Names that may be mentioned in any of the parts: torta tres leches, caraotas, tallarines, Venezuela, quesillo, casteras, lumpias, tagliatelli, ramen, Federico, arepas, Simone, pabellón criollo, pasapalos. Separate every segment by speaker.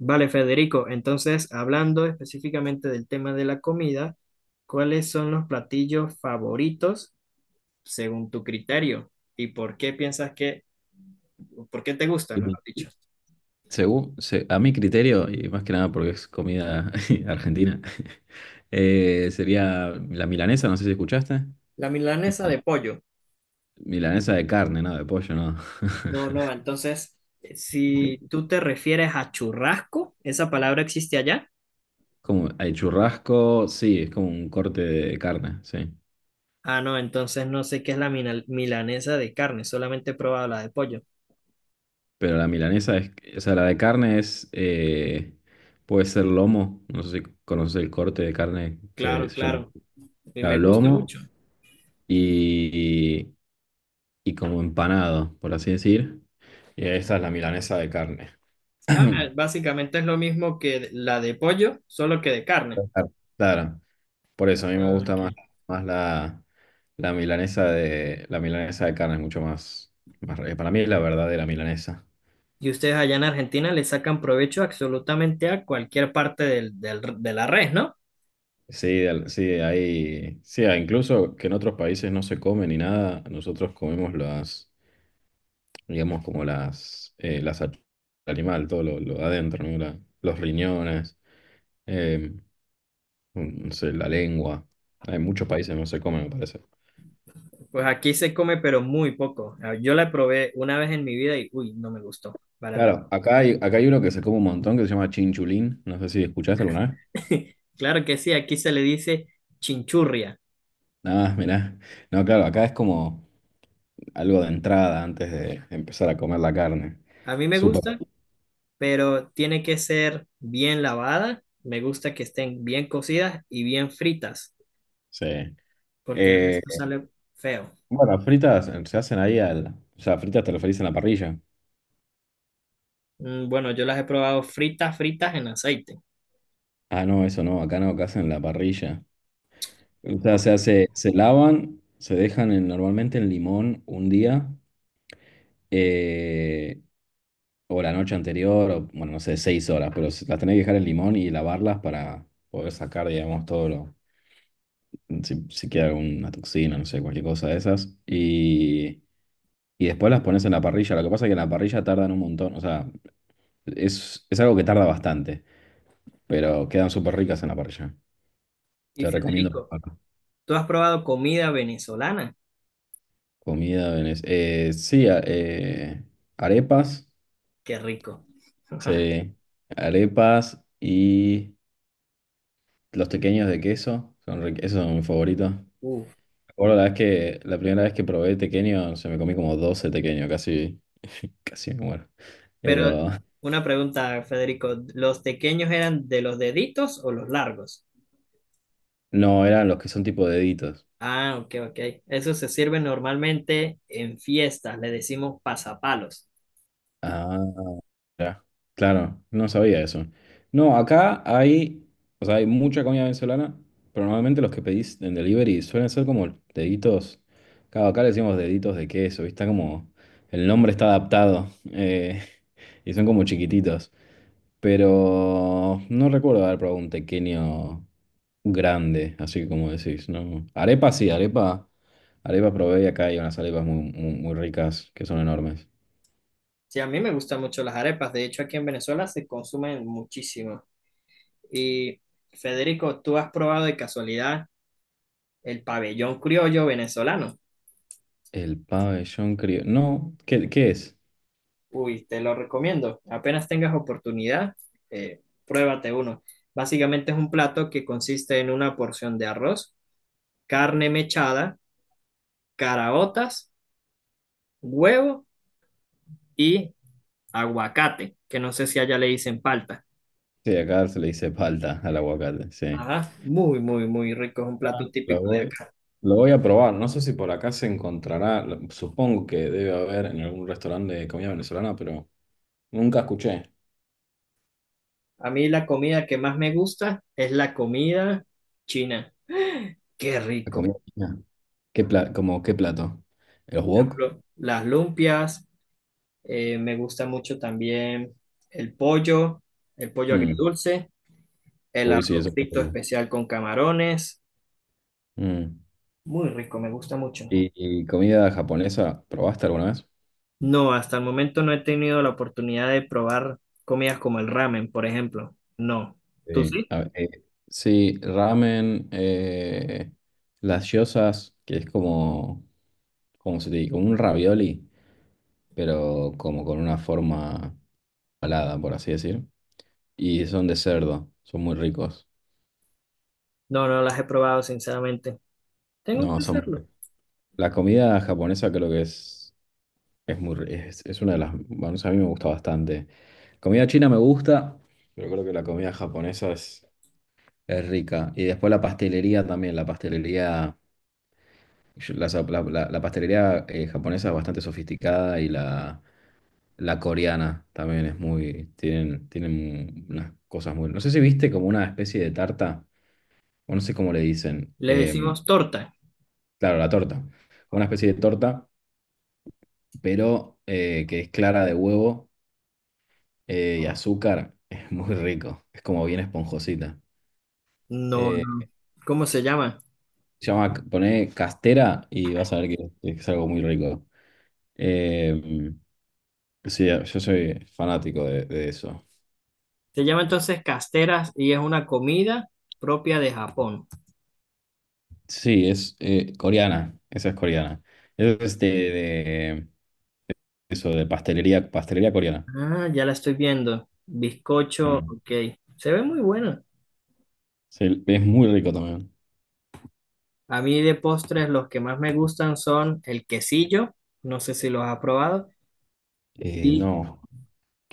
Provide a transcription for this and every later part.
Speaker 1: Vale, Federico, entonces hablando específicamente del tema de la comida, ¿cuáles son los platillos favoritos según tu criterio? ¿Y por qué piensas por qué te gustan,
Speaker 2: Y-
Speaker 1: mejor dicho?
Speaker 2: y a mi criterio, y más que nada porque es comida argentina, sería la milanesa, no sé si escuchaste.
Speaker 1: La milanesa
Speaker 2: Mila-
Speaker 1: de pollo.
Speaker 2: Milanesa de carne, ¿no? De pollo, ¿no?
Speaker 1: No, no, entonces,
Speaker 2: De-
Speaker 1: si tú te refieres a churrasco, ¿esa palabra existe allá?
Speaker 2: Como el churrasco, sí, es como un corte de carne, sí.
Speaker 1: Ah, no, entonces no sé qué es la milanesa de carne, solamente he probado la de pollo.
Speaker 2: Pero la milanesa es, o sea, la de carne es, puede ser lomo, no sé si conoces el corte de carne que
Speaker 1: Claro,
Speaker 2: se llama
Speaker 1: claro, y
Speaker 2: claro,
Speaker 1: me gusta
Speaker 2: lomo
Speaker 1: mucho.
Speaker 2: y, y como empanado, por así decir. Y esta es la milanesa de carne.
Speaker 1: Ah, básicamente es lo mismo que la de pollo, solo que de carne.
Speaker 2: Claro. Claro, por eso a mí me
Speaker 1: Ah,
Speaker 2: gusta
Speaker 1: ok.
Speaker 2: más, más la, la milanesa de carne, es mucho más, para mí es la verdadera milanesa.
Speaker 1: Y ustedes allá en Argentina le sacan provecho absolutamente a cualquier parte de la res, ¿no?
Speaker 2: Sí, sí, ahí, sí, ah, incluso que en otros países no se come ni nada, nosotros comemos las, digamos como las, animal, todo lo de adentro, ¿no? Los riñones, eh, no sé, la lengua. En muchos países no se come, me parece.
Speaker 1: Pues aquí se come, pero muy poco. Ah, yo la probé una vez en mi vida y, uy, no me gustó para nada.
Speaker 2: Claro, acá hay uno que se come un montón que se llama chinchulín. No sé si escuchaste alguna vez.
Speaker 1: Claro que sí, aquí se le dice chinchurria.
Speaker 2: Nada, mirá. No, claro, acá es como algo de entrada antes de empezar a comer la carne.
Speaker 1: A mí me
Speaker 2: Súper.
Speaker 1: gusta, pero tiene que ser bien lavada. Me gusta que estén bien cocidas y bien fritas,
Speaker 2: Sí.
Speaker 1: porque el
Speaker 2: Eh,
Speaker 1: resto sale feo.
Speaker 2: bueno, fritas se hacen ahí al. O sea, fritas te referís en la parrilla.
Speaker 1: Mm, bueno, yo las he probado fritas, fritas en aceite.
Speaker 2: Ah, no, eso no, acá no, acá hacen la parrilla. O sea,
Speaker 1: Ah,
Speaker 2: se hace,
Speaker 1: perfecto.
Speaker 2: se lavan, se dejan normalmente en limón un día. eh, o la noche anterior, o bueno, no sé, seis horas, pero las tenés que dejar en limón y lavarlas para poder sacar, digamos, todo lo, si queda alguna toxina, no sé, cualquier cosa de esas. Y después las pones en la parrilla. Lo que pasa es que en la parrilla tardan un montón, o sea, es algo que tarda bastante, pero quedan súper ricas en la parrilla.
Speaker 1: Y
Speaker 2: Te recomiendo
Speaker 1: Federico,
Speaker 2: probarlo.
Speaker 1: ¿tú has probado comida venezolana?
Speaker 2: Sí, arepas,
Speaker 1: Qué rico.
Speaker 2: sí, arepas y los pequeños de queso, esos son mis favoritos.
Speaker 1: Uf.
Speaker 2: Bueno, la primera vez que probé tequeño, se me comí como 12 tequeños, casi, casi me muero.
Speaker 1: Pero
Speaker 2: Pero
Speaker 1: una pregunta, Federico, ¿los pequeños eran de los deditos o los largos?
Speaker 2: no, eran los que son tipo deditos.
Speaker 1: Ah, ok, ok. Eso se sirve normalmente en fiestas, le decimos pasapalos.
Speaker 2: Ah. Ya, claro, no sabía eso. No, acá hay, o sea, hay mucha comida venezolana, pero normalmente los que pedís en delivery suelen ser como deditos, claro, acá le decimos deditos de queso, ¿viste? Como el nombre está adaptado y son como chiquititos, pero no recuerdo haber probado un pequeño grande, así como decís, ¿no? Arepa sí, arepa, arepa probé y acá hay unas arepas muy, muy, muy ricas que son enormes.
Speaker 1: Sí, a mí me gustan mucho las arepas, de hecho aquí en Venezuela se consumen muchísimo. Y Federico, ¿tú has probado de casualidad el pabellón criollo venezolano?
Speaker 2: El pabellón criollo. No, ¿qué, qué es?
Speaker 1: Uy, te lo recomiendo. Apenas tengas oportunidad, pruébate uno. Básicamente es un plato que consiste en una porción de arroz, carne mechada, caraotas, huevo y aguacate, que no sé si allá le dicen palta.
Speaker 2: Sí, acá se le dice palta al aguacate, sí.
Speaker 1: Ajá, muy, muy, muy rico. Es un plato
Speaker 2: Ah,
Speaker 1: típico.
Speaker 2: lo voy a probar. No sé si por acá se encontrará, supongo que debe haber en algún restaurante de comida venezolana, pero nunca escuché.
Speaker 1: A mí la comida que más me gusta es la comida china. Qué
Speaker 2: La
Speaker 1: rico.
Speaker 2: comida china. ¿Como qué plato? ¿Los
Speaker 1: Por
Speaker 2: wok?
Speaker 1: ejemplo, las lumpias. Me gusta mucho también el pollo, el pollo
Speaker 2: Mm.
Speaker 1: agridulce. El
Speaker 2: Uy, sí,
Speaker 1: arroz
Speaker 2: eso está
Speaker 1: frito
Speaker 2: muy bien.
Speaker 1: especial con camarones,
Speaker 2: Mm.
Speaker 1: muy rico, me gusta mucho.
Speaker 2: ¿Y, ¿Y comida japonesa probaste alguna vez?
Speaker 1: No, hasta el momento no he tenido la oportunidad de probar comidas como el ramen, por ejemplo. No. ¿Tú
Speaker 2: Sí,
Speaker 1: sí?
Speaker 2: a sí, ramen, las gyozas, que es como, como se te dice, como un ravioli, pero como con una forma alada por así decir. Y son de cerdo, son muy ricos.
Speaker 1: No, no las he probado, sinceramente. Tengo
Speaker 2: No,
Speaker 1: que
Speaker 2: son muy
Speaker 1: hacerlo.
Speaker 2: ricos. La comida japonesa creo que es, es una de las, bueno, a mí me gusta bastante. Comida china me gusta, pero creo que la comida japonesa es rica. Y después la pastelería también, la pastelería. Yo- La, sa- la- la- la pastelería japonesa es bastante sofisticada y la coreana también es muy, tienen, tienen unas cosas muy... No sé si viste como una especie de tarta, o no sé cómo le dicen.
Speaker 1: Le decimos torta.
Speaker 2: Claro, la torta. Como una especie de torta, pero que es clara de huevo y azúcar. Es muy rico. Es como bien esponjosita.
Speaker 1: No,
Speaker 2: Eh,
Speaker 1: no. ¿Cómo se llama?
Speaker 2: Poné castera y vas a ver que es algo muy rico. Em, Sí, yo soy fanático de eso.
Speaker 1: Se llama entonces casteras y es una comida propia de Japón.
Speaker 2: Sí, es coreana, esa es coreana. Es de, de- Eso, de pastelería, pastelería coreana.
Speaker 1: Ah, ya la estoy viendo. Bizcocho,
Speaker 2: Mm.
Speaker 1: ok. Se ve muy bueno.
Speaker 2: Sí, es muy rico también.
Speaker 1: A mí de postres los que más me gustan son el quesillo, no sé si los has probado, y
Speaker 2: No,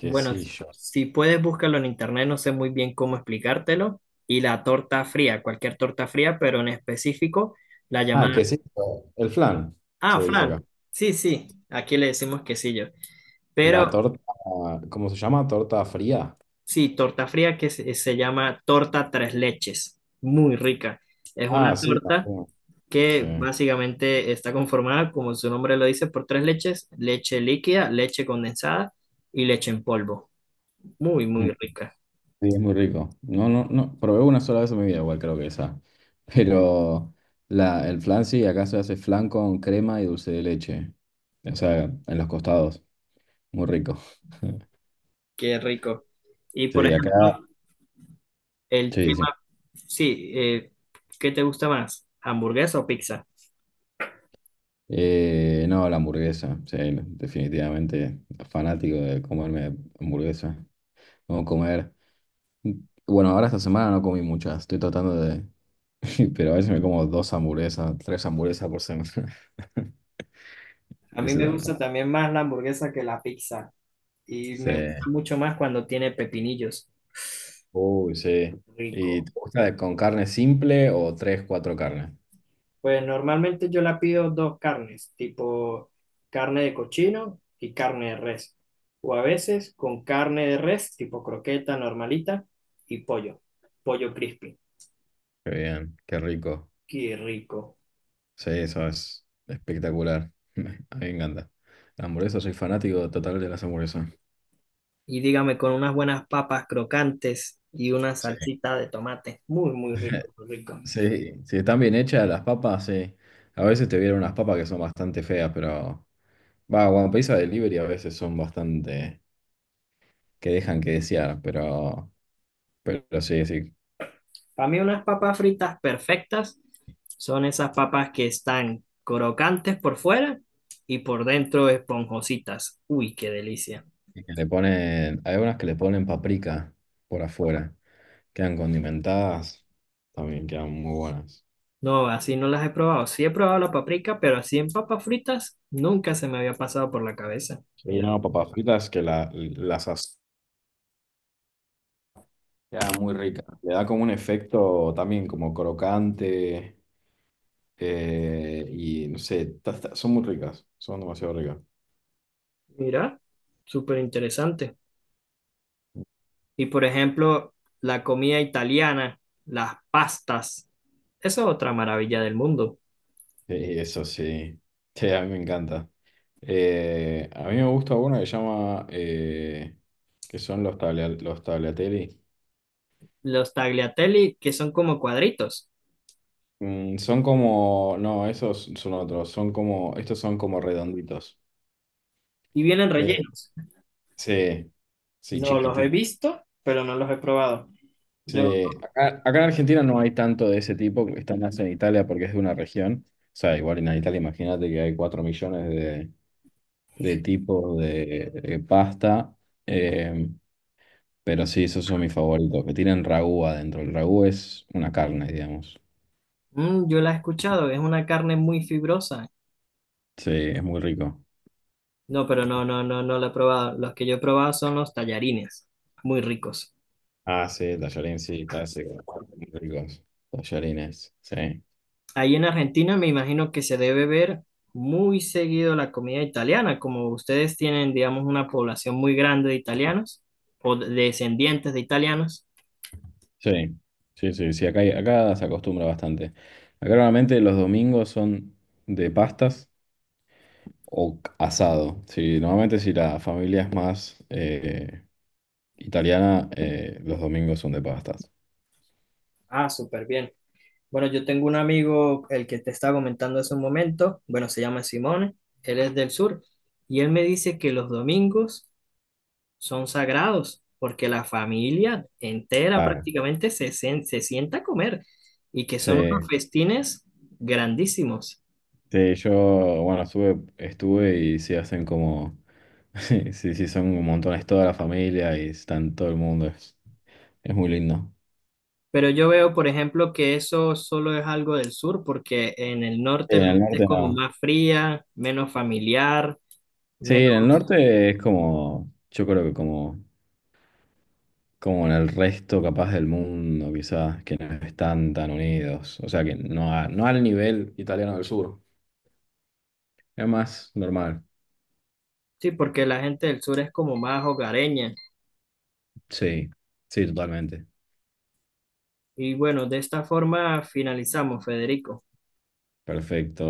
Speaker 1: bueno, si puedes búscalo en internet, no sé muy bien cómo explicártelo, y la torta fría, cualquier torta fría, pero en específico la
Speaker 2: Ah,
Speaker 1: llamada...
Speaker 2: quesillo. El flan,
Speaker 1: Ah,
Speaker 2: se dice
Speaker 1: flan
Speaker 2: acá.
Speaker 1: sí, sí, aquí le decimos quesillo,
Speaker 2: La
Speaker 1: pero
Speaker 2: torta, ¿cómo se llama? ¿Torta fría?
Speaker 1: sí, torta fría se llama torta tres leches, muy rica. Es
Speaker 2: Ah,
Speaker 1: una
Speaker 2: sí,
Speaker 1: torta
Speaker 2: también. Sí.
Speaker 1: que básicamente está conformada, como su nombre lo dice, por tres leches, leche líquida, leche condensada y leche en polvo. Muy, muy rica.
Speaker 2: Sí, es muy rico. No, no, no, probé una sola vez en mi vida, igual creo que esa. Pero la, el flan sí, acá se hace flan con crema y dulce de leche. O sea, en los costados. Muy rico.
Speaker 1: Qué rico. Y por
Speaker 2: Sí, acá.
Speaker 1: ejemplo, el
Speaker 2: Sí, sí.
Speaker 1: tema, sí, ¿qué te gusta más? ¿Hamburguesa o pizza?
Speaker 2: No, la hamburguesa. Sí, definitivamente fanático de comerme hamburguesa. No comer. Bueno, ahora esta semana no comí muchas. Estoy tratando de. Pero a veces me como dos hamburguesas, tres hamburguesas por semana.
Speaker 1: A mí
Speaker 2: Eso
Speaker 1: me
Speaker 2: también.
Speaker 1: gusta también más la hamburguesa que la pizza. Y
Speaker 2: Sí.
Speaker 1: me gusta mucho más cuando tiene pepinillos.
Speaker 2: Uy, sí. ¿Y
Speaker 1: Rico.
Speaker 2: te gusta con carne simple o tres, cuatro carnes?
Speaker 1: Pues normalmente yo la pido dos carnes, tipo carne de cochino y carne de res. O a veces con carne de res, tipo croqueta normalita y pollo, pollo crispy.
Speaker 2: Qué bien, qué rico.
Speaker 1: Qué rico.
Speaker 2: Sí, eso es espectacular. A mí me encanta. La hamburguesa, soy fanático total de las hamburguesas.
Speaker 1: Y dígame, con unas buenas papas crocantes y una
Speaker 2: Sí.
Speaker 1: salsita de tomate. Muy, muy rico, muy rico.
Speaker 2: Sí, si están bien hechas las papas, sí. A veces te vienen unas papas que son bastante feas, pero... Va, cuando pedís a delivery a veces son bastante... que dejan que desear, pero... Pero sí, sí.
Speaker 1: Para mí unas papas fritas perfectas son esas papas que están crocantes por fuera y por dentro esponjositas. Uy, qué delicia.
Speaker 2: Y que le ponen, hay unas que le ponen paprika por afuera. Quedan condimentadas, también quedan muy buenas.
Speaker 1: No, así no las he probado. Sí he probado la paprika, pero así en papas fritas nunca se me había pasado por la cabeza.
Speaker 2: Hay
Speaker 1: Mira,
Speaker 2: unas papas fritas quedan muy ricas. Le da como un efecto también como crocante y no sé, son muy ricas, son demasiado ricas.
Speaker 1: mira, súper interesante. Y por ejemplo, la comida italiana, las pastas, esa es otra maravilla del mundo.
Speaker 2: Sí, eso sí, sí, a mí me encanta. A mí me gusta una que llama, que son los, tablia- los tagliatelli.
Speaker 1: Los tagliatelli, que son como cuadritos
Speaker 2: Son como, no, esos son otros, son como, estos son como redonditos.
Speaker 1: y vienen
Speaker 2: Eh,
Speaker 1: rellenos.
Speaker 2: sí, sí,
Speaker 1: No los he
Speaker 2: chiquititos.
Speaker 1: visto, pero no los he probado. Yo,
Speaker 2: Sí. Acá en Argentina no hay tanto de ese tipo, que está más en Italia porque es de una región. O sea, igual en Italia imagínate que hay 4 millones de tipos de pasta, eh, pero sí, esos son mis favoritos, que tienen ragú adentro. El ragú es una carne, digamos.
Speaker 1: Yo la he escuchado, es una carne muy fibrosa.
Speaker 2: Sí, es muy rico.
Speaker 1: No, pero no, no, no, no lo he probado. Los que yo he probado son los tallarines, muy ricos.
Speaker 2: Ah, sí, tallarín, sí, clásico. Muy ricos. Tallarines, sí.
Speaker 1: Ahí en Argentina me imagino que se debe ver muy seguido la comida italiana, como ustedes tienen, digamos, una población muy grande de italianos o descendientes de italianos.
Speaker 2: Sí, sí, acá se acostumbra bastante. Acá normalmente los domingos son de pastas o asado. Sí, normalmente si la familia es más italiana, los domingos son de pastas.
Speaker 1: Ah, súper bien. Bueno, yo tengo un amigo, el que te estaba comentando hace un momento, bueno, se llama Simone, él es del sur, y él me dice que los domingos son sagrados, porque la familia entera
Speaker 2: Ah,
Speaker 1: prácticamente se sienta a comer y que
Speaker 2: sí,
Speaker 1: son unos festines grandísimos.
Speaker 2: sí, yo, bueno, estuve y sí hacen como, sí, sí, son montones toda la familia y están todo el mundo, es muy lindo.
Speaker 1: Pero yo veo, por ejemplo, que eso solo es algo del sur, porque en el
Speaker 2: Sí,
Speaker 1: norte
Speaker 2: en
Speaker 1: la
Speaker 2: el
Speaker 1: gente es
Speaker 2: norte
Speaker 1: como
Speaker 2: no.
Speaker 1: más fría, menos familiar,
Speaker 2: Sí, en el
Speaker 1: menos...
Speaker 2: norte es como, yo creo que como, como en el resto capaz del mundo, quizás, que no están tan unidos. O sea, que no, no al nivel italiano del sur. Es más normal.
Speaker 1: Sí, porque la gente del sur es como más hogareña.
Speaker 2: Sí, sí, totalmente.
Speaker 1: Y bueno, de esta forma finalizamos, Federico.
Speaker 2: Perfecto.